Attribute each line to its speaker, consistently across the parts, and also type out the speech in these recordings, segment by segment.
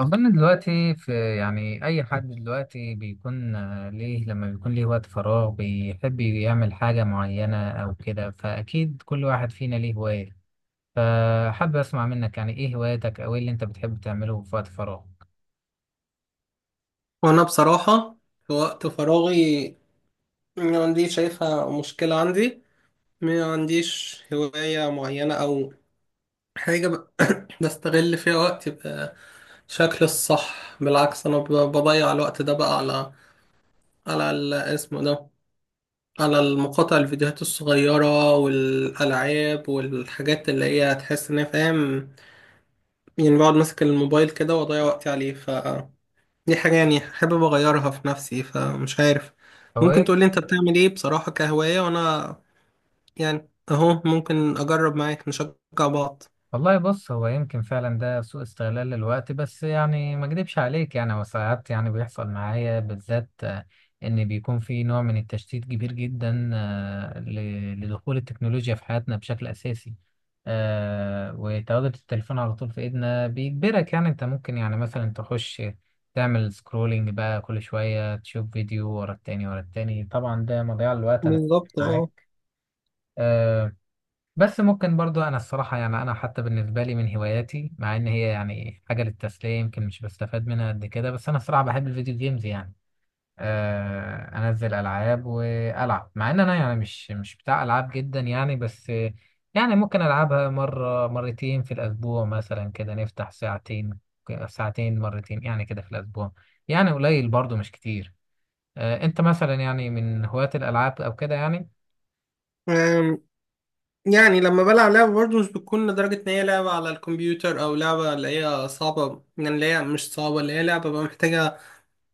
Speaker 1: أظن دلوقتي في يعني أي حد دلوقتي بيكون ليه لما بيكون ليه وقت فراغ بيحب يعمل حاجة معينة أو كده، فأكيد كل واحد فينا ليه هواية. فحابب أسمع منك يعني إيه هواياتك أو إيه اللي أنت بتحب تعمله في وقت فراغك؟
Speaker 2: وانا بصراحة في وقت فراغي، ما عنديش شايفها مشكلة عندي. ما عنديش هواية معينة او حاجة بستغل فيها وقتي بشكل الصح. بالعكس انا بضيع الوقت ده بقى على على ال- اسمه ده على المقاطع الفيديوهات الصغيرة والألعاب والحاجات اللي هي تحس ان هي فاهم. يعني بقعد ماسك الموبايل كده واضيع وقتي عليه. دي حاجة يعني حابب أغيرها في نفسي، فمش عارف.
Speaker 1: أو
Speaker 2: ممكن
Speaker 1: إيه.
Speaker 2: تقولي أنت بتعمل إيه بصراحة كهواية، وأنا يعني أهو ممكن أجرب معاك نشجع بعض.
Speaker 1: والله بص، هو يمكن فعلا ده سوء استغلال للوقت، بس يعني ما اكدبش عليك يعني هو ساعات يعني بيحصل معايا بالذات، ان بيكون في نوع من التشتيت كبير جدا، لدخول التكنولوجيا في حياتنا بشكل اساسي. وتواجد التليفون على طول في ايدنا بيجبرك، يعني انت ممكن يعني مثلا تخش تعمل سكرولينج بقى كل شوية، تشوف فيديو ورا التاني ورا التاني. طبعا ده مضيعة للوقت، انا
Speaker 2: بالظبط، اه.
Speaker 1: معاك. آه، بس ممكن برضو انا الصراحة يعني انا حتى بالنسبة لي من هواياتي، مع ان هي يعني حاجة للتسلية يمكن مش بستفاد منها قد كده، بس انا الصراحة بحب الفيديو جيمز يعني. آه انزل العاب والعب، مع ان انا يعني مش بتاع العاب جدا يعني، بس يعني ممكن العبها مرة مرتين في الاسبوع مثلا، كده نفتح ساعتين، ساعتين مرتين يعني كده في الاسبوع. يعني قليل برضو مش كتير. آه انت مثلا يعني من هواة الالعاب او كده يعني.
Speaker 2: أم، يعني لما بلعب لعبة برضه مش بتكون لدرجة إن هي لعبة على الكمبيوتر، أو لعبة اللي هي صعبة، يعني اللي هي مش صعبة، اللي هي لعبة بقى محتاجة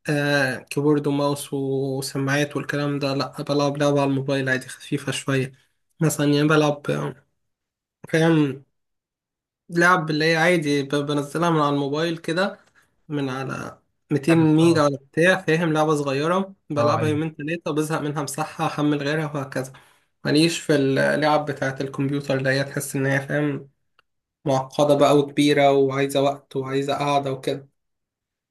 Speaker 2: كيبورد وماوس وسماعات والكلام ده. لأ، بلعب لعبة على الموبايل عادي، خفيفة شوية. مثلا يعني بلعب، فاهم، لعب اللي هي عادي بنزلها من على الموبايل كده، من على 200
Speaker 1: لعب
Speaker 2: ميجا
Speaker 1: ستور.
Speaker 2: ولا بتاع، فاهم، لعبة صغيرة بلعبها
Speaker 1: اه
Speaker 2: يومين تلاتة بزهق منها مسحها، أحمل غيرها وهكذا. ماليش في اللعب بتاعة الكمبيوتر، اللي هي تحس إن هي فاهم، معقدة بقى وكبيرة وعايزة وقت وعايزة قعدة وكده.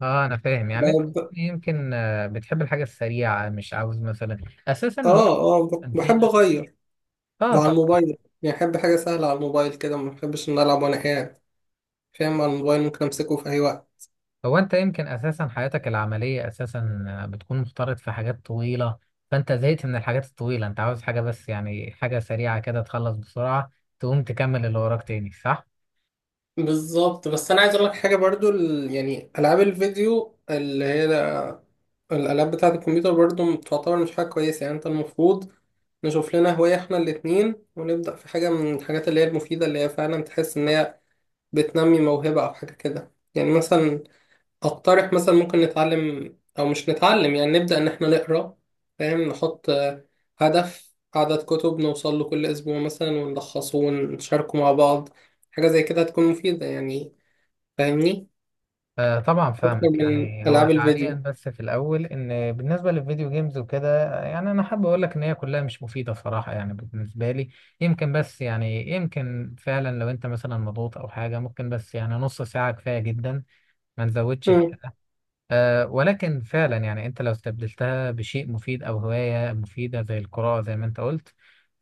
Speaker 1: اه، انا فاهم. يعني انت
Speaker 2: ب-
Speaker 1: يمكن بتحب الحاجه السريعه، مش عاوز مثلا اساسا
Speaker 2: آه
Speaker 1: الوقت
Speaker 2: بحب
Speaker 1: فينا.
Speaker 2: أغير.
Speaker 1: اه
Speaker 2: وعلى
Speaker 1: طب،
Speaker 2: الموبايل يعني بحب حاجة سهلة على الموبايل كده، ما بحبش إن ألعب وأنا قاعد، فاهم. على الموبايل ممكن أمسكه في أي وقت.
Speaker 1: هو انت يمكن اساسا حياتك العمليه اساسا بتكون مختلط في حاجات طويله، فانت زهقت من الحاجات الطويله، انت عاوز حاجه بس يعني حاجه سريعه كده تخلص بسرعه، تقوم تكمل اللي وراك تاني، صح.
Speaker 2: بالظبط. بس انا عايز اقول لك حاجه برضو، يعني العاب الفيديو اللي هي الالعاب بتاعه الكمبيوتر برضو تعتبر مش حاجه كويسه. يعني انت المفروض نشوف لنا هوايه احنا الاتنين، ونبدا في حاجه من الحاجات اللي هي المفيده، اللي هي فعلا تحس ان هي بتنمي موهبه او حاجه كده. يعني مثلا اقترح، مثلا ممكن نتعلم، او مش نتعلم، يعني نبدا ان احنا نقرا، فاهم. نحط هدف عدد كتب نوصل له كل اسبوع مثلا، ونلخصه ونشاركه مع بعض. حاجة زي كده هتكون مفيدة يعني، فاهمني؟
Speaker 1: آه طبعا
Speaker 2: اكتر
Speaker 1: فاهمك.
Speaker 2: من
Speaker 1: يعني هو
Speaker 2: العاب
Speaker 1: تعليقا
Speaker 2: الفيديو.
Speaker 1: بس في الاول، ان بالنسبه للفيديو جيمز وكده يعني انا حابب اقول لك ان هي كلها مش مفيده صراحه يعني بالنسبه لي. يمكن بس يعني يمكن فعلا لو انت مثلا مضغوط او حاجه، ممكن بس يعني نص ساعه كفايه جدا، ما نزودش في
Speaker 2: مم.
Speaker 1: كده. ولكن فعلا يعني انت لو استبدلتها بشيء مفيد او هواية مفيدة زي القراءة زي ما انت قلت،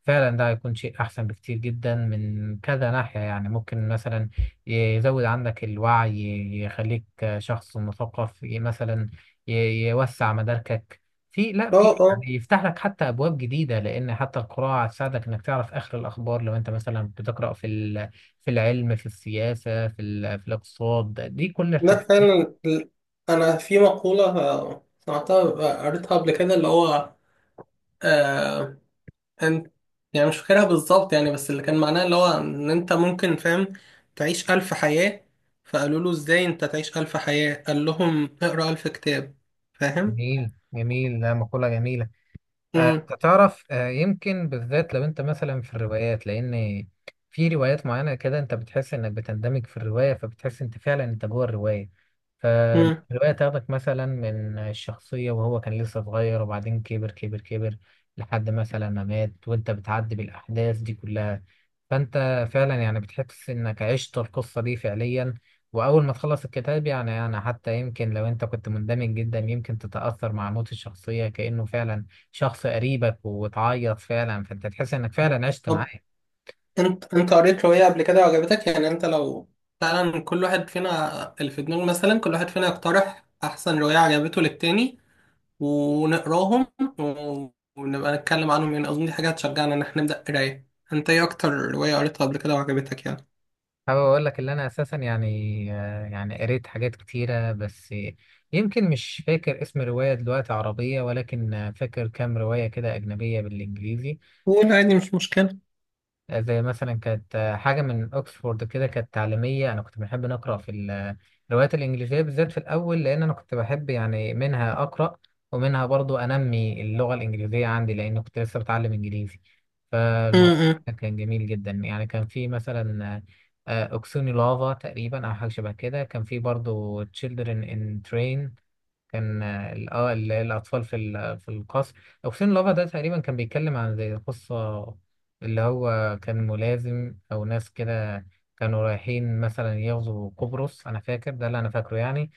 Speaker 1: فعلا ده هيكون شيء احسن بكتير جدا من كذا ناحية. يعني ممكن مثلا يزود عندك الوعي، يخليك شخص مثقف، مثلا يوسع مداركك، في لا
Speaker 2: اه،
Speaker 1: في
Speaker 2: اه.
Speaker 1: يعني يفتح لك حتى ابواب جديدة، لان حتى القراءة هتساعدك انك تعرف اخر الاخبار، لو انت مثلا بتقرأ في العلم، في السياسة، في الاقتصاد. دي كل
Speaker 2: ده
Speaker 1: الحاجات.
Speaker 2: فعلا انا في مقولة، سمعتها، قريتها قبل كده، اللي هو، آه انت يعني مش فاكرها بالظبط يعني، بس اللي كان معناها اللي هو ان انت ممكن، فاهم، تعيش ألف حياة. فقالوا له ازاي انت تعيش ألف حياة؟ قال لهم اقرأ ألف كتاب، فاهم.
Speaker 1: جميل جميل، لا مقولة جميلة.
Speaker 2: مم.
Speaker 1: انت تعرف يمكن بالذات لو انت مثلا في الروايات، لان في روايات معينه كده انت بتحس انك بتندمج في الروايه، فبتحس انت فعلا انت جوه الروايه.
Speaker 2: مم.
Speaker 1: فالروايه تاخدك مثلا من الشخصيه وهو كان لسه صغير، وبعدين كبر كبر كبر لحد مثلا ما مات، وانت بتعدي بالاحداث دي كلها، فانت فعلا يعني بتحس انك عشت القصه دي فعليا. واول ما تخلص الكتاب يعني انا حتى يمكن لو انت كنت مندمج جدا، يمكن تتاثر مع موت الشخصيه كانه فعلا شخص قريبك، وتعيط فعلا، فانت تحس انك فعلا عشت
Speaker 2: طب
Speaker 1: معاه.
Speaker 2: انت قريت رواية قبل كده وعجبتك؟ يعني انت لو فعلا، كل واحد فينا اللي في دماغه، مثلا كل واحد فينا يقترح احسن رواية عجبته للتاني ونقراهم، و- ونبقى نتكلم عنهم. يعني اظن دي حاجة هتشجعنا ان احنا نبدأ قراية. انت ايه اكتر رواية قريتها قبل كده وعجبتك يعني؟
Speaker 1: حابب اقول لك ان انا اساسا يعني يعني قريت حاجات كتيره، بس يمكن مش فاكر اسم روايه دلوقتي عربيه، ولكن فاكر كام روايه كده اجنبيه بالانجليزي.
Speaker 2: قول عادي، مش مشكلة.
Speaker 1: زي مثلا كانت حاجة من أكسفورد كده، كانت تعليمية. أنا كنت بحب نقرأ الروايات الإنجليزية بالذات في الأول، لأن أنا كنت بحب يعني منها أقرأ، ومنها برضو أنمي اللغة الإنجليزية عندي، لأن كنت لسه بتعلم إنجليزي. فالموضوع
Speaker 2: امم
Speaker 1: كان جميل جدا يعني. كان في مثلا أوكسوني لافا تقريبا أو حاجة شبه كده، كان في برضو Children in Train، كان اه الاطفال في القصر. اوكسين لافا ده تقريبا كان بيتكلم عن زي قصه اللي هو كان ملازم او ناس كده، كانوا رايحين مثلا يغزوا قبرص، انا فاكر ده اللي انا فاكره يعني.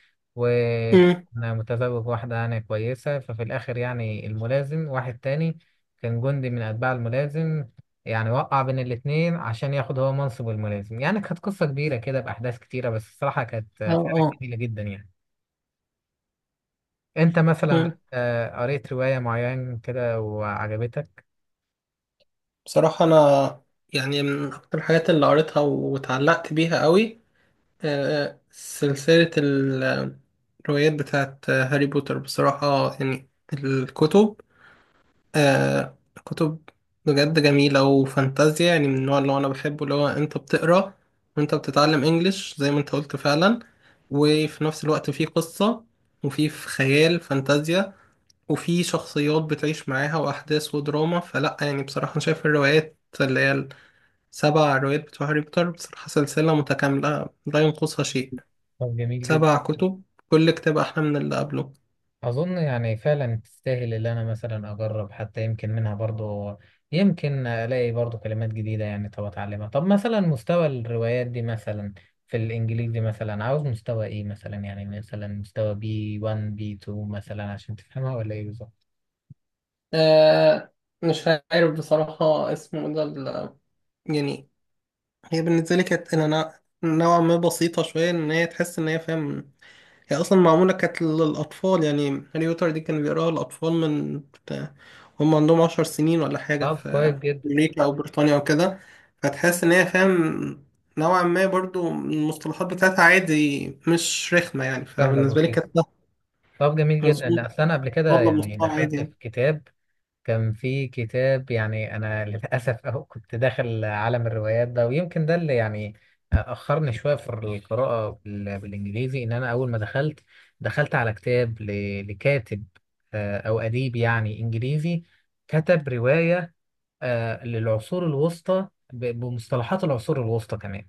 Speaker 2: امم
Speaker 1: وكان متزوج واحده يعني كويسه، ففي الاخر يعني الملازم واحد تاني كان جندي من اتباع الملازم يعني وقع بين الاتنين عشان ياخد هو منصب الملازم. يعني كانت قصه كبيره كده باحداث كتيره، بس الصراحه كانت
Speaker 2: اه،
Speaker 1: فعلا
Speaker 2: اه.
Speaker 1: جميله جدا يعني. انت مثلا
Speaker 2: أمم.
Speaker 1: قريت رواية معينة كده وعجبتك؟
Speaker 2: بصراحة انا يعني من اكتر الحاجات اللي قريتها واتعلقت بيها قوي، سلسلة الروايات بتاعت هاري بوتر بصراحة. يعني الكتب، آه، كتب بجد جميلة وفانتازيا. يعني من النوع اللي هو أنا بحبه، اللي هو أنت بتقرأ وأنت بتتعلم إنجليش زي ما أنت قلت فعلا، وفي نفس الوقت في قصة، وفي خيال فانتازيا، وفي شخصيات بتعيش معاها وأحداث ودراما. فلأ يعني، بصراحة أنا شايف الروايات اللي هي السبع روايات بتوع هاري بوتر بصراحة سلسلة متكاملة لا ينقصها شيء.
Speaker 1: طب جميل جدا.
Speaker 2: 7 كتب، كل كتاب أحلى من اللي قبله.
Speaker 1: اظن يعني فعلا تستاهل، اللي انا مثلا اجرب حتى يمكن منها برضو، يمكن الاقي برضو كلمات جديدة يعني طب اتعلمها. طب مثلا مستوى الروايات دي مثلا في الانجليزي مثلا عاوز مستوى ايه؟ مثلا يعني مثلا مستوى بي 1 بي 2 مثلا عشان تفهمها، ولا ايه بالظبط؟
Speaker 2: آه مش عارف بصراحة، يعني هي بالنسبة لي كانت إلى نوعا ما بسيطة شوية، إن هي تحس إن هي فاهم. هي أصلا معمولة كانت للأطفال يعني. هاري بوتر دي كانوا بيقراها الأطفال هم عندهم 10 سنين ولا حاجة،
Speaker 1: طب كويس
Speaker 2: في
Speaker 1: جدا.
Speaker 2: أمريكا أو بريطانيا أو كده. فتحس إن هي، فاهم، نوعا ما برضو المصطلحات بتاعتها عادي مش رخمة يعني،
Speaker 1: سهلة
Speaker 2: فبالنسبة لي
Speaker 1: بسيطة.
Speaker 2: كانت، لا.
Speaker 1: طب جميل جدا. لا
Speaker 2: مظبوط.
Speaker 1: أصل انا قبل كده
Speaker 2: أطفال
Speaker 1: يعني
Speaker 2: لمستوى عادي
Speaker 1: دخلت
Speaker 2: يعني.
Speaker 1: في كتاب، كان في كتاب يعني أنا للأسف أهو كنت داخل عالم الروايات ده، ويمكن ده اللي يعني أخرني شوية في القراءة بالإنجليزي. إن أنا أول ما دخلت، دخلت على كتاب لكاتب أو أديب يعني إنجليزي، كتب رواية للعصور الوسطى، بمصطلحات العصور الوسطى كمان.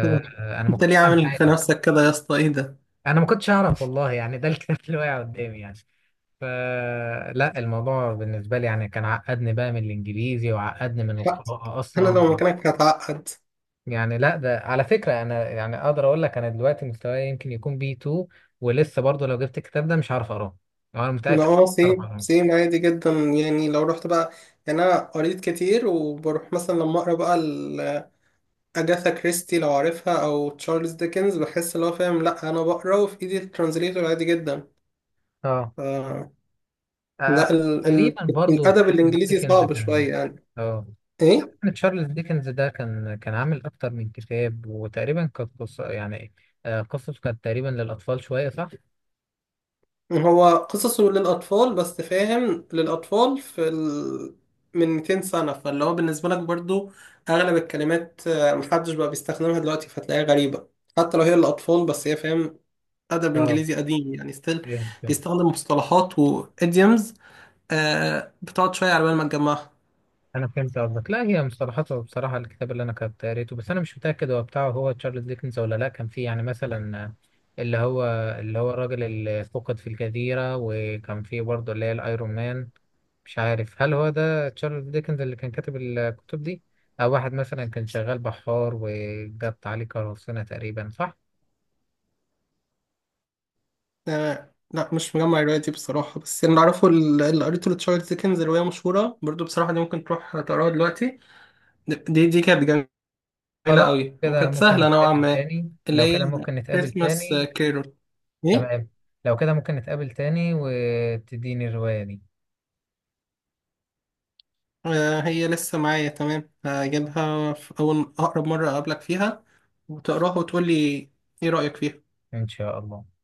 Speaker 2: طب
Speaker 1: ما
Speaker 2: انت
Speaker 1: كنتش
Speaker 2: ليه
Speaker 1: فاهم
Speaker 2: عامل في
Speaker 1: حاجة.
Speaker 2: نفسك كده يا اسطى؟ ايه ده.
Speaker 1: أنا ما كنتش أعرف والله يعني، ده الكتاب اللي واقع قدامي يعني. فلا، الموضوع بالنسبة لي يعني كان عقدني بقى من الإنجليزي، وعقدني من
Speaker 2: لا،
Speaker 1: القراءة
Speaker 2: انا
Speaker 1: أصلا.
Speaker 2: لو مكانك هتعقد.
Speaker 1: يعني لا، ده على فكرة أنا يعني أقدر أقول لك أنا دلوقتي مستواي يمكن يكون بي 2، ولسه برضه لو جبت الكتاب ده مش هعرف أقراه، أنا
Speaker 2: انا
Speaker 1: متأكد مش هعرف
Speaker 2: سيم
Speaker 1: أقراه.
Speaker 2: سيم، عادي جدا، يعني لو رحت بقى. يعني انا قريت كتير، وبروح مثلا لما اقرا بقى، اجاثا كريستي لو عارفها، او تشارلز ديكنز، بحس اللي هو، فاهم، لا انا بقرا وفي ايدي الترانزليتور عادي جدا.
Speaker 1: أه.
Speaker 2: ف
Speaker 1: آه،
Speaker 2: لا
Speaker 1: تقريبا برضه
Speaker 2: الادب
Speaker 1: تشارلز
Speaker 2: الانجليزي
Speaker 1: ديكنز
Speaker 2: صعب
Speaker 1: كان.
Speaker 2: شويه يعني.
Speaker 1: أه
Speaker 2: ايه.
Speaker 1: تشارلز ديكنز ده كان عامل أكتر من كتاب، وتقريبا كانت قصة يعني قصته كانت تقريبا للأطفال شوية، صح؟
Speaker 2: هو قصصه للأطفال، بس فاهم، للأطفال من 200 سنة، فاللي هو بالنسبة لك برضو أغلب الكلمات، محدش بقى بيستخدمها دلوقتي فتلاقيها غريبة. حتى لو هي للأطفال، بس هي فاهم أدب إنجليزي قديم يعني، ستيل
Speaker 1: أه
Speaker 2: بيستخدم مصطلحات وإيديومز، بتقعد شوية على بال ما تجمعها.
Speaker 1: انا فهمت قصدك. لا هي مصطلحاته، بصراحه الكتاب اللي انا كنت قريته، بس انا مش متاكد هو بتاعه هو تشارلز ديكنز ولا لا، كان فيه يعني مثلا اللي هو اللي هو الراجل اللي فقد في الجزيره، وكان فيه برضه اللي هي الايرون مان. مش عارف هل هو ده تشارلز ديكنز اللي كان كاتب الكتب دي، او واحد مثلا كان شغال بحار وجت عليه قراصنه تقريبا، صح؟
Speaker 2: لا، مش مجمع الرواية دي بصراحة. بس اللي أعرفه، اللي قريته لتشارلز ديكنز، رواية مشهورة برضو بصراحة، دي ممكن تروح تقراها دلوقتي. دي كانت قليلة
Speaker 1: خلاص.
Speaker 2: قوي،
Speaker 1: كده
Speaker 2: وكانت
Speaker 1: ممكن
Speaker 2: سهلة نوعا
Speaker 1: نتقابل
Speaker 2: ما.
Speaker 1: تاني،
Speaker 2: اللي
Speaker 1: لو
Speaker 2: هي
Speaker 1: كده ممكن نتقابل
Speaker 2: كريسماس
Speaker 1: تاني.
Speaker 2: كيرول. ايه.
Speaker 1: تمام. لو كده ممكن نتقابل تاني وتديني الروايه دي.
Speaker 2: هي لسه معايا. تمام، هجيبها في أول أقرب مرة أقابلك فيها، وتقراها وتقولي ايه رأيك فيها.
Speaker 1: ان شاء الله.